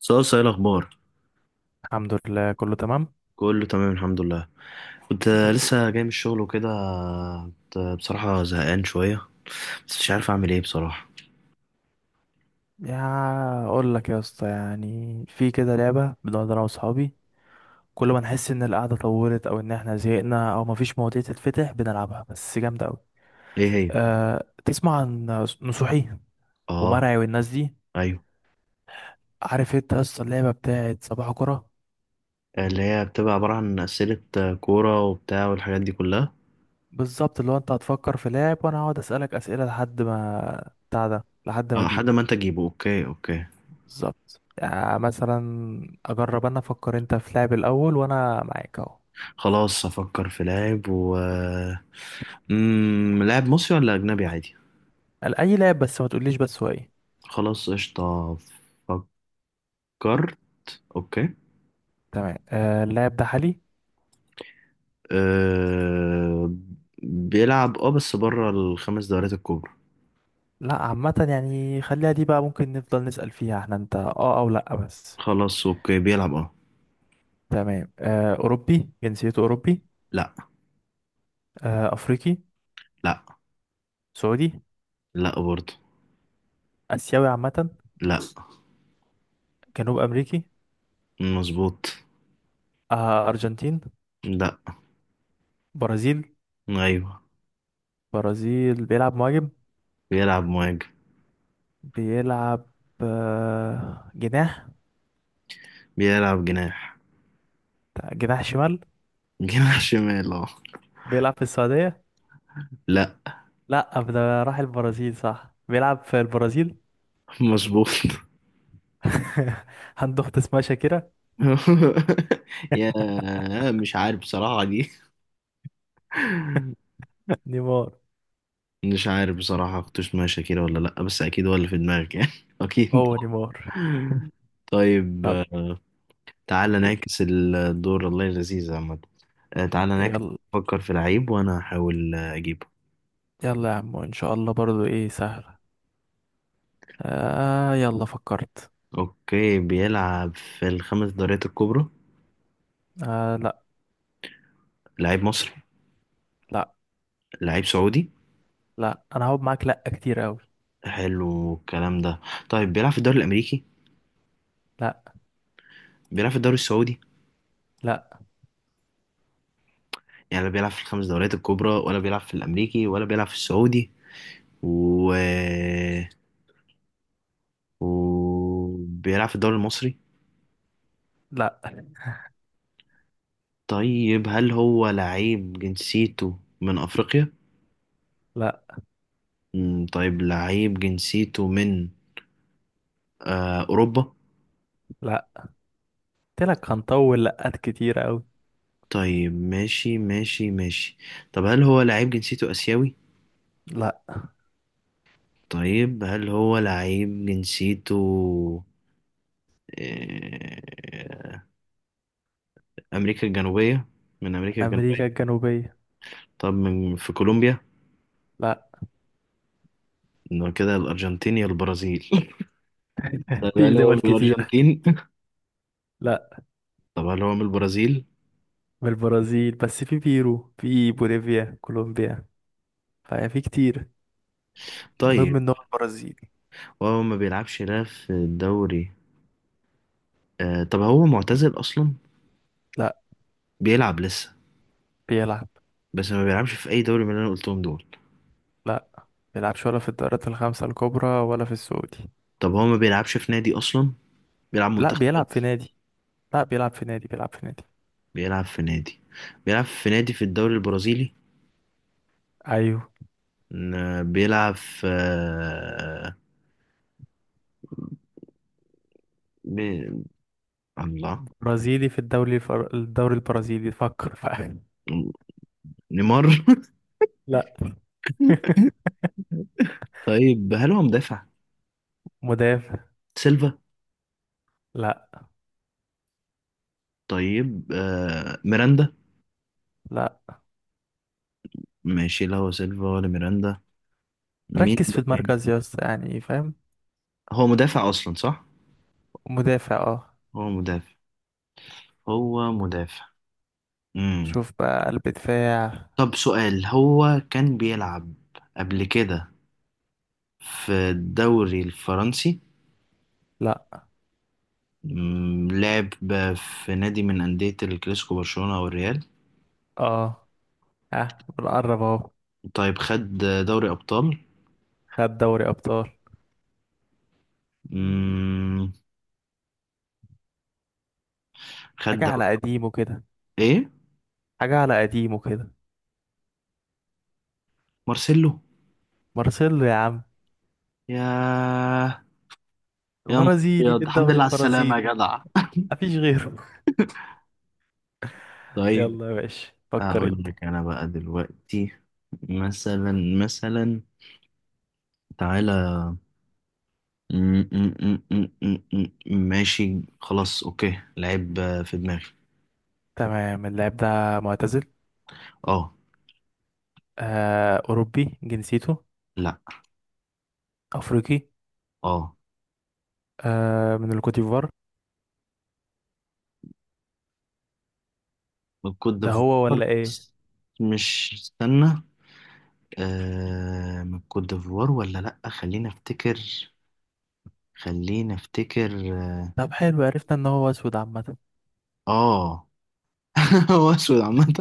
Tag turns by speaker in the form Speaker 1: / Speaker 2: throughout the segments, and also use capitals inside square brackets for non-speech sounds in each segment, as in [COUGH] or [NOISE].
Speaker 1: صوصة، ايه الاخبار؟
Speaker 2: الحمد لله، كله تمام.
Speaker 1: كله تمام، الحمد لله. كنت لسه جاي من الشغل وكده. كنت بصراحة زهقان شوية. بس مش عارف اعمل ايه بصراحة.
Speaker 2: يا اقول لك يا اسطى، يعني في كده لعبه بنقعد انا واصحابي، كل ما نحس ان القعده طولت او ان احنا زهقنا او مفيش مواضيع تتفتح بنلعبها، بس جامده قوي.
Speaker 1: ايه هي؟
Speaker 2: أه، تسمع عن نصوحي
Speaker 1: اه.
Speaker 2: ومرعي والناس دي؟
Speaker 1: ايوه.
Speaker 2: عارف انت يا اسطى اللعبه بتاعت صباح كره؟
Speaker 1: اللي هي بتبقى عبارة عن اسئلة كورة وبتاع والحاجات دي كلها.
Speaker 2: بالظبط، اللي هو انت هتفكر في لاعب وانا هقعد اسالك اسئله لحد ما بتاع ده لحد ما
Speaker 1: اه، لحد
Speaker 2: اجيبه.
Speaker 1: ما انت تجيبه. اوكي، اوكي.
Speaker 2: بالظبط. يعني مثلا اجرب، انا افكر انت في لاعب الاول وانا معاك اهو.
Speaker 1: خلاص، افكر في لاعب و لاعب مصري ولا اجنبي عادي؟
Speaker 2: قال اي لاعب، بس ما تقوليش بس هو ايه.
Speaker 1: خلاص، قشطة. فكرت. اوكي.
Speaker 2: تمام. آه، اللاعب ده حالي؟
Speaker 1: أه... بيلعب، بس بره الخمس دوريات الكبرى.
Speaker 2: لا عامة، يعني خليها دي بقى ممكن نفضل نسأل فيها، احنا انت اه او لا بس.
Speaker 1: خلاص، اوكي، بيلعب، اه.
Speaker 2: تمام. آه، اوروبي جنسيته؟ اوروبي
Speaker 1: لا.
Speaker 2: آه؟ افريقي؟
Speaker 1: لا.
Speaker 2: سعودي؟
Speaker 1: لا برضه.
Speaker 2: اسيوي عامة؟
Speaker 1: لا.
Speaker 2: جنوب امريكي؟
Speaker 1: مظبوط.
Speaker 2: آه، ارجنتين؟
Speaker 1: لا.
Speaker 2: برازيل؟
Speaker 1: ايوه.
Speaker 2: برازيل. بيلعب مهاجم؟
Speaker 1: بيلعب مهاجم.
Speaker 2: بيلعب جناح؟
Speaker 1: بيلعب جناح.
Speaker 2: جناح شمال.
Speaker 1: [LAUGHS] جناح شمال، اه.
Speaker 2: بيلعب في السعودية؟
Speaker 1: لا.
Speaker 2: لا، ده راح البرازيل، صح؟ بيلعب في البرازيل.
Speaker 1: مظبوط.
Speaker 2: [LAUGHS] عنده اخت اسمها شاكيرا؟
Speaker 1: [LAUGHS] يا مش عارف بصراحة دي.
Speaker 2: نيمار.
Speaker 1: مش عارف بصراحة، كنت اسمها شاكيرا ولا لأ، بس أكيد هو اللي في دماغك يعني، [LAUGHS] أكيد
Speaker 2: هو
Speaker 1: طبعا.
Speaker 2: نيمار. [LAUGHS]
Speaker 1: طيب.
Speaker 2: طب
Speaker 1: تعالى
Speaker 2: ي-
Speaker 1: نعكس الدور، الله لذيذ عامة. تعالى نعكس.
Speaker 2: يلا.
Speaker 1: فكر في لعيب وأنا هحاول أجيبه.
Speaker 2: يلا يا عم، ان شاء الله برضو ايه سهلة. آه، يلا فكرت.
Speaker 1: اوكي، بيلعب في الخمس دوريات الكبرى؟
Speaker 2: آه لا.
Speaker 1: لعيب مصري؟
Speaker 2: لا.
Speaker 1: لعيب سعودي؟
Speaker 2: انا هقعد معاك، لا كتير قوي.
Speaker 1: حلو الكلام ده. طيب، بيلعب في الدوري الامريكي؟
Speaker 2: لا.
Speaker 1: بيلعب في الدوري السعودي؟
Speaker 2: لا.
Speaker 1: يعني لا بيلعب في الخمس دوريات الكبرى، ولا بيلعب في الامريكي، ولا بيلعب في السعودي، و وبيلعب في الدوري المصري؟
Speaker 2: لا.
Speaker 1: طيب، هل هو لعيب جنسيته من افريقيا؟
Speaker 2: لا.
Speaker 1: طيب، لعيب جنسيته من اوروبا؟
Speaker 2: لا. قلت لك هنطول، لقات كتير قوي.
Speaker 1: طيب، ماشي ماشي ماشي. طب، هل هو لعيب جنسيته اسيوي؟
Speaker 2: لا.
Speaker 1: طيب، هل هو لعيب جنسيته آه، أمريكا الجنوبية؟ من أمريكا
Speaker 2: امريكا
Speaker 1: الجنوبية.
Speaker 2: الجنوبية.
Speaker 1: طب، من في كولومبيا؟
Speaker 2: لا.
Speaker 1: إنه كده الأرجنتين يا البرازيل. [LAUGHS] طب،
Speaker 2: في
Speaker 1: هل هو
Speaker 2: دول
Speaker 1: من
Speaker 2: كتير.
Speaker 1: الأرجنتين؟
Speaker 2: لا.
Speaker 1: [LAUGHS] طب، هل هو من البرازيل؟
Speaker 2: من البرازيل، بس في بيرو، في بوليفيا، كولومبيا، ففي كتير. المهم
Speaker 1: طيب.
Speaker 2: ان هو البرازيل.
Speaker 1: وهو ما بيلعبش لا في الدوري. طب، هو معتزل أصلا؟
Speaker 2: لا.
Speaker 1: بيلعب لسه؟
Speaker 2: بيلعب.
Speaker 1: بس ما بيلعبش في أي دوري من اللي أنا قلتهم دول؟
Speaker 2: لا بيلعبش ولا في الدوريات الخمسة الكبرى ولا في السعودي.
Speaker 1: طب، هو ما بيلعبش في نادي أصلا؟ بيلعب
Speaker 2: لا
Speaker 1: منتخب
Speaker 2: بيلعب في
Speaker 1: بس؟
Speaker 2: نادي. بيلعب في نادي.
Speaker 1: بيلعب في نادي. بيلعب في نادي في الدوري البرازيلي؟
Speaker 2: ايوه.
Speaker 1: بيلعب في بي... الله.
Speaker 2: برازيلي في الدوري الدوري البرازيلي، فكر فاهم.
Speaker 1: نيمار. [LAUGHS]
Speaker 2: لا. [LAUGHS]
Speaker 1: طيب، هل هو مدافع؟
Speaker 2: مدافع.
Speaker 1: سيلفا؟
Speaker 2: لا.
Speaker 1: طيب، ميراندا؟
Speaker 2: لا،
Speaker 1: ماشي، لا هو سيلفا ولا ميراندا. مين
Speaker 2: ركز في
Speaker 1: ده تاني؟
Speaker 2: المركز يا اسطى يعني، فاهم؟
Speaker 1: هو مدافع اصلا، صح؟
Speaker 2: مدافع، اه.
Speaker 1: هو مدافع. هو مدافع. امم
Speaker 2: شوف بقى، قلب دفاع.
Speaker 1: طب سؤال: هو كان بيلعب قبل كده في الدوري الفرنسي؟
Speaker 2: لا.
Speaker 1: لعب في نادي من أندية الكلاسيكو، برشلونة أو الريال؟
Speaker 2: اه. اه، بنقرب اهو.
Speaker 1: طيب، خد دوري أبطال؟
Speaker 2: خد دوري ابطال.
Speaker 1: امم خد
Speaker 2: حاجة على
Speaker 1: دوري.
Speaker 2: قديمه كده.
Speaker 1: ايه؟
Speaker 2: حاجة على قديمه كده.
Speaker 1: مارسيلو.
Speaker 2: مارسيلو يا عم،
Speaker 1: يا يا نهار
Speaker 2: برازيلي في
Speaker 1: ابيض، الحمد
Speaker 2: الدوري
Speaker 1: لله على السلامة يا
Speaker 2: البرازيلي.
Speaker 1: جدع.
Speaker 2: مفيش غيره.
Speaker 1: طيب.
Speaker 2: يلا يا باشا، فكر
Speaker 1: اقول
Speaker 2: انت.
Speaker 1: لك انا بقى دلوقتي، مثلا، مثلا، تعالى. م- م- م- م- م- ماشي، خلاص، اوكي، لعيب في دماغي.
Speaker 2: تمام. اللاعب ده معتزل.
Speaker 1: اه.
Speaker 2: آه، أوروبي جنسيته؟
Speaker 1: لا.
Speaker 2: أفريقي؟
Speaker 1: اه.
Speaker 2: آه، من الكوتيفوار؟
Speaker 1: من كوت
Speaker 2: ده هو
Speaker 1: ديفوار
Speaker 2: ولا إيه؟
Speaker 1: بس. مش، استنى. من كوت ديفوار ولا لا، خلينا افتكر. خلينا افتكر، اه.
Speaker 2: طب حلو، عرفنا إن هو أسود عامة.
Speaker 1: آه. [LAUGHS] هو اسود عامة.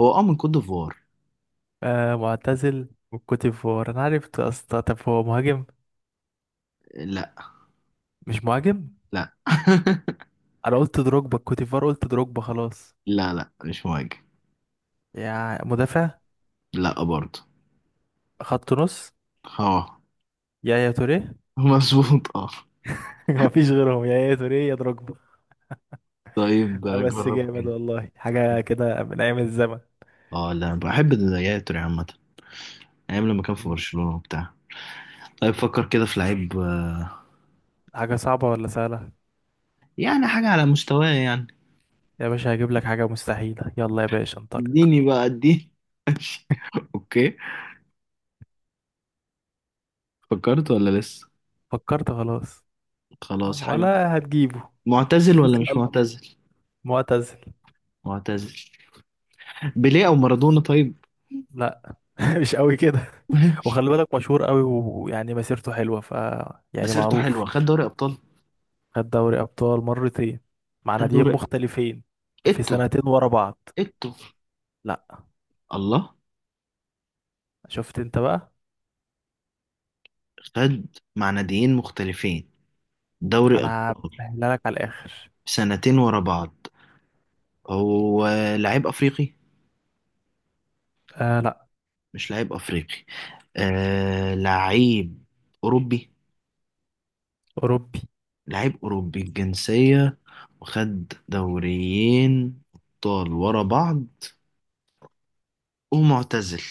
Speaker 1: هو من كوت ديفوار.
Speaker 2: آه، معتزل والكوتيفوار، أنا عرفت يا اسطى. طب هو مهاجم؟
Speaker 1: لا.
Speaker 2: مش مهاجم؟
Speaker 1: لا.
Speaker 2: أنا قلت دروجبا الكوتيفوار، قلت دروجبا خلاص.
Speaker 1: [LAUGHS] لا لا، مش مواجه.
Speaker 2: يا مدافع،
Speaker 1: لا برضه.
Speaker 2: خط نص،
Speaker 1: اه.
Speaker 2: يا توريه.
Speaker 1: مظبوط، اه.
Speaker 2: [LAUGHS] مفيش غيرهم، يا توريه يا دروجبا.
Speaker 1: طيب،
Speaker 2: لا بس
Speaker 1: جرب
Speaker 2: جامد
Speaker 1: كده.
Speaker 2: والله، حاجة كده من أيام الزمن.
Speaker 1: اه، لا، بحب الجياتوري عامة. ايام لما كان في
Speaker 2: مم.
Speaker 1: برشلونة وبتاع. طيب، فكر كده في لعيب.
Speaker 2: حاجة صعبة ولا سهلة؟
Speaker 1: يعني حاجة على مستواه، يعني.
Speaker 2: يا باشا هجيب لك حاجة مستحيلة، يلا يا باشا انطلق.
Speaker 1: اديني بقى، اديني. اوكي. فكرت ولا لسه؟
Speaker 2: فكرت خلاص
Speaker 1: خلاص، حاجة؟
Speaker 2: ولا هتجيبه؟
Speaker 1: معتزل ولا
Speaker 2: لسه
Speaker 1: مش
Speaker 2: قلب.
Speaker 1: معتزل؟
Speaker 2: معتزل.
Speaker 1: معتزل. بيليه او مارادونا؟ طيب.
Speaker 2: لا. [LAUGHS] مش قوي كده.
Speaker 1: [LAUGHS]
Speaker 2: وخلي بالك، مشهور قوي ويعني مسيرته حلوة، ف يعني
Speaker 1: مسيرته حلوة،
Speaker 2: معروف.
Speaker 1: خد دوري ابطال؟
Speaker 2: خد دوري أبطال مرتين، مع
Speaker 1: خد
Speaker 2: ناديين
Speaker 1: دوري.
Speaker 2: مختلفين، في
Speaker 1: اتو؟
Speaker 2: سنتين ورا بعض.
Speaker 1: اتو!
Speaker 2: لا.
Speaker 1: الله.
Speaker 2: شفت انت بقى؟
Speaker 1: خد. مع ناديين مختلفين. دوري
Speaker 2: انا
Speaker 1: ابطال.
Speaker 2: بسهلها لك على الآخر.
Speaker 1: سنتين ورا بعض. هو لعيب افريقي؟
Speaker 2: آه لا.
Speaker 1: مش لعيب افريقي. آه، لعيب اوروبي؟
Speaker 2: أوروبي.
Speaker 1: لعيب اوروبي الجنسية. وخد دوريين ابطال ورا بعض. ومعتزل.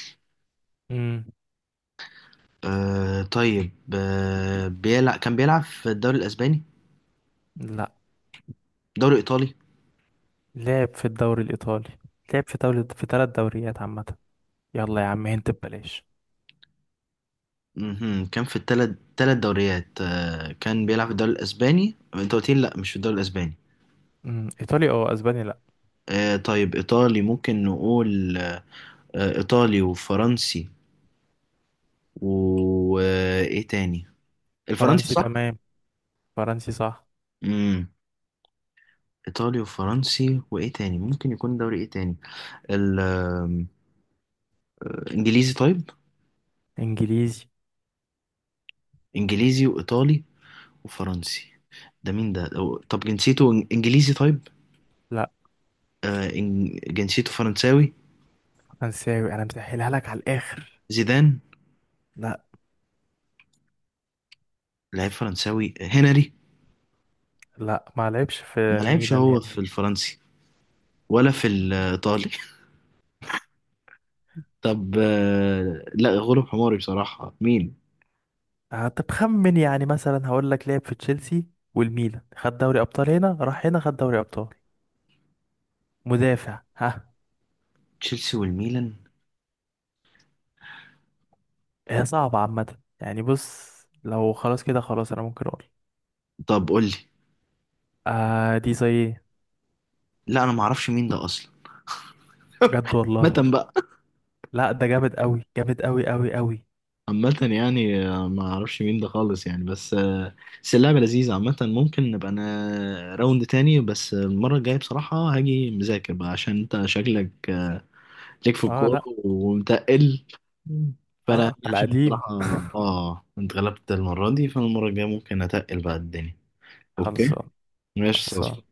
Speaker 2: مم.
Speaker 1: طيب، كان بيلعب في الدوري الاسباني؟
Speaker 2: لا.
Speaker 1: دوري ايطالي؟
Speaker 2: لعب في الدوري الإيطالي، لعب في دوري، في ثلاث دوريات عامة. يلا يا عم انت ببلاش.
Speaker 1: مهم. كان في التلت تلت دوريات. كان بيلعب في الدوري الاسباني، انت قلت لي لا، مش في الدوري الاسباني.
Speaker 2: أمم، ايطالي او اسباني؟ لا.
Speaker 1: طيب، ايطالي ممكن نقول. ايطالي وفرنسي. وايه تاني؟ الفرنسي،
Speaker 2: فرنسي،
Speaker 1: صح؟
Speaker 2: تمام. فرنسي صح.
Speaker 1: امم ايطالي وفرنسي، وايه تاني ممكن يكون دوري ايه تاني؟ ال- آم، انجليزي، طيب؟
Speaker 2: انجليزي؟
Speaker 1: انجليزي وايطالي وفرنسي. ده مين ده طب، جنسيته انجليزي، طيب؟
Speaker 2: لا.
Speaker 1: جنسيته فرنساوي؟
Speaker 2: فرنساوي. انا مسهلها لك على الاخر.
Speaker 1: زيدان؟
Speaker 2: لا.
Speaker 1: لعيب فرنساوي، هنري؟
Speaker 2: لا، ما لعبش في
Speaker 1: ما لعبش
Speaker 2: الميلان
Speaker 1: هو في
Speaker 2: هنري.
Speaker 1: الفرنسي ولا في الإيطالي؟ [LAUGHS] طب، لا، غلب حماري بصراحة، مين؟
Speaker 2: آه، طب خمن. يعني مثلا هقول لك، لعب في تشيلسي والميلان، خد دوري ابطال هنا، راح هنا خد دوري ابطال، مدافع، ها.
Speaker 1: تشيلسي والميلان؟
Speaker 2: هي صعبة عامة يعني، بص، لو خلاص كده خلاص انا ممكن اقول.
Speaker 1: طب قول لي.
Speaker 2: آه، دي زي ايه.
Speaker 1: لا، انا ما اعرفش مين ده اصلا.
Speaker 2: بجد والله،
Speaker 1: عامة بقى.
Speaker 2: لا ده جامد قوي، جامد قوي.
Speaker 1: عامة يعني، ما اعرفش مين ده خالص، يعني. بس اللعبة لذيذة عامة. ممكن نبقى انا راوند تاني، بس المرة الجاية بصراحة هاجي مذاكر بقى، عشان انت شكلك ليك في
Speaker 2: اه
Speaker 1: الكورة
Speaker 2: لا،
Speaker 1: ومتقل. فانا
Speaker 2: اه
Speaker 1: يعني
Speaker 2: على
Speaker 1: عشان
Speaker 2: قديم.
Speaker 1: بصراحة، اه، انت غلبت المرة دي، فالمرة الجاية ممكن اتقل بقى الدنيا.
Speaker 2: [LAUGHS]
Speaker 1: اوكي،
Speaker 2: خلصان. خلصان.
Speaker 1: ماشي.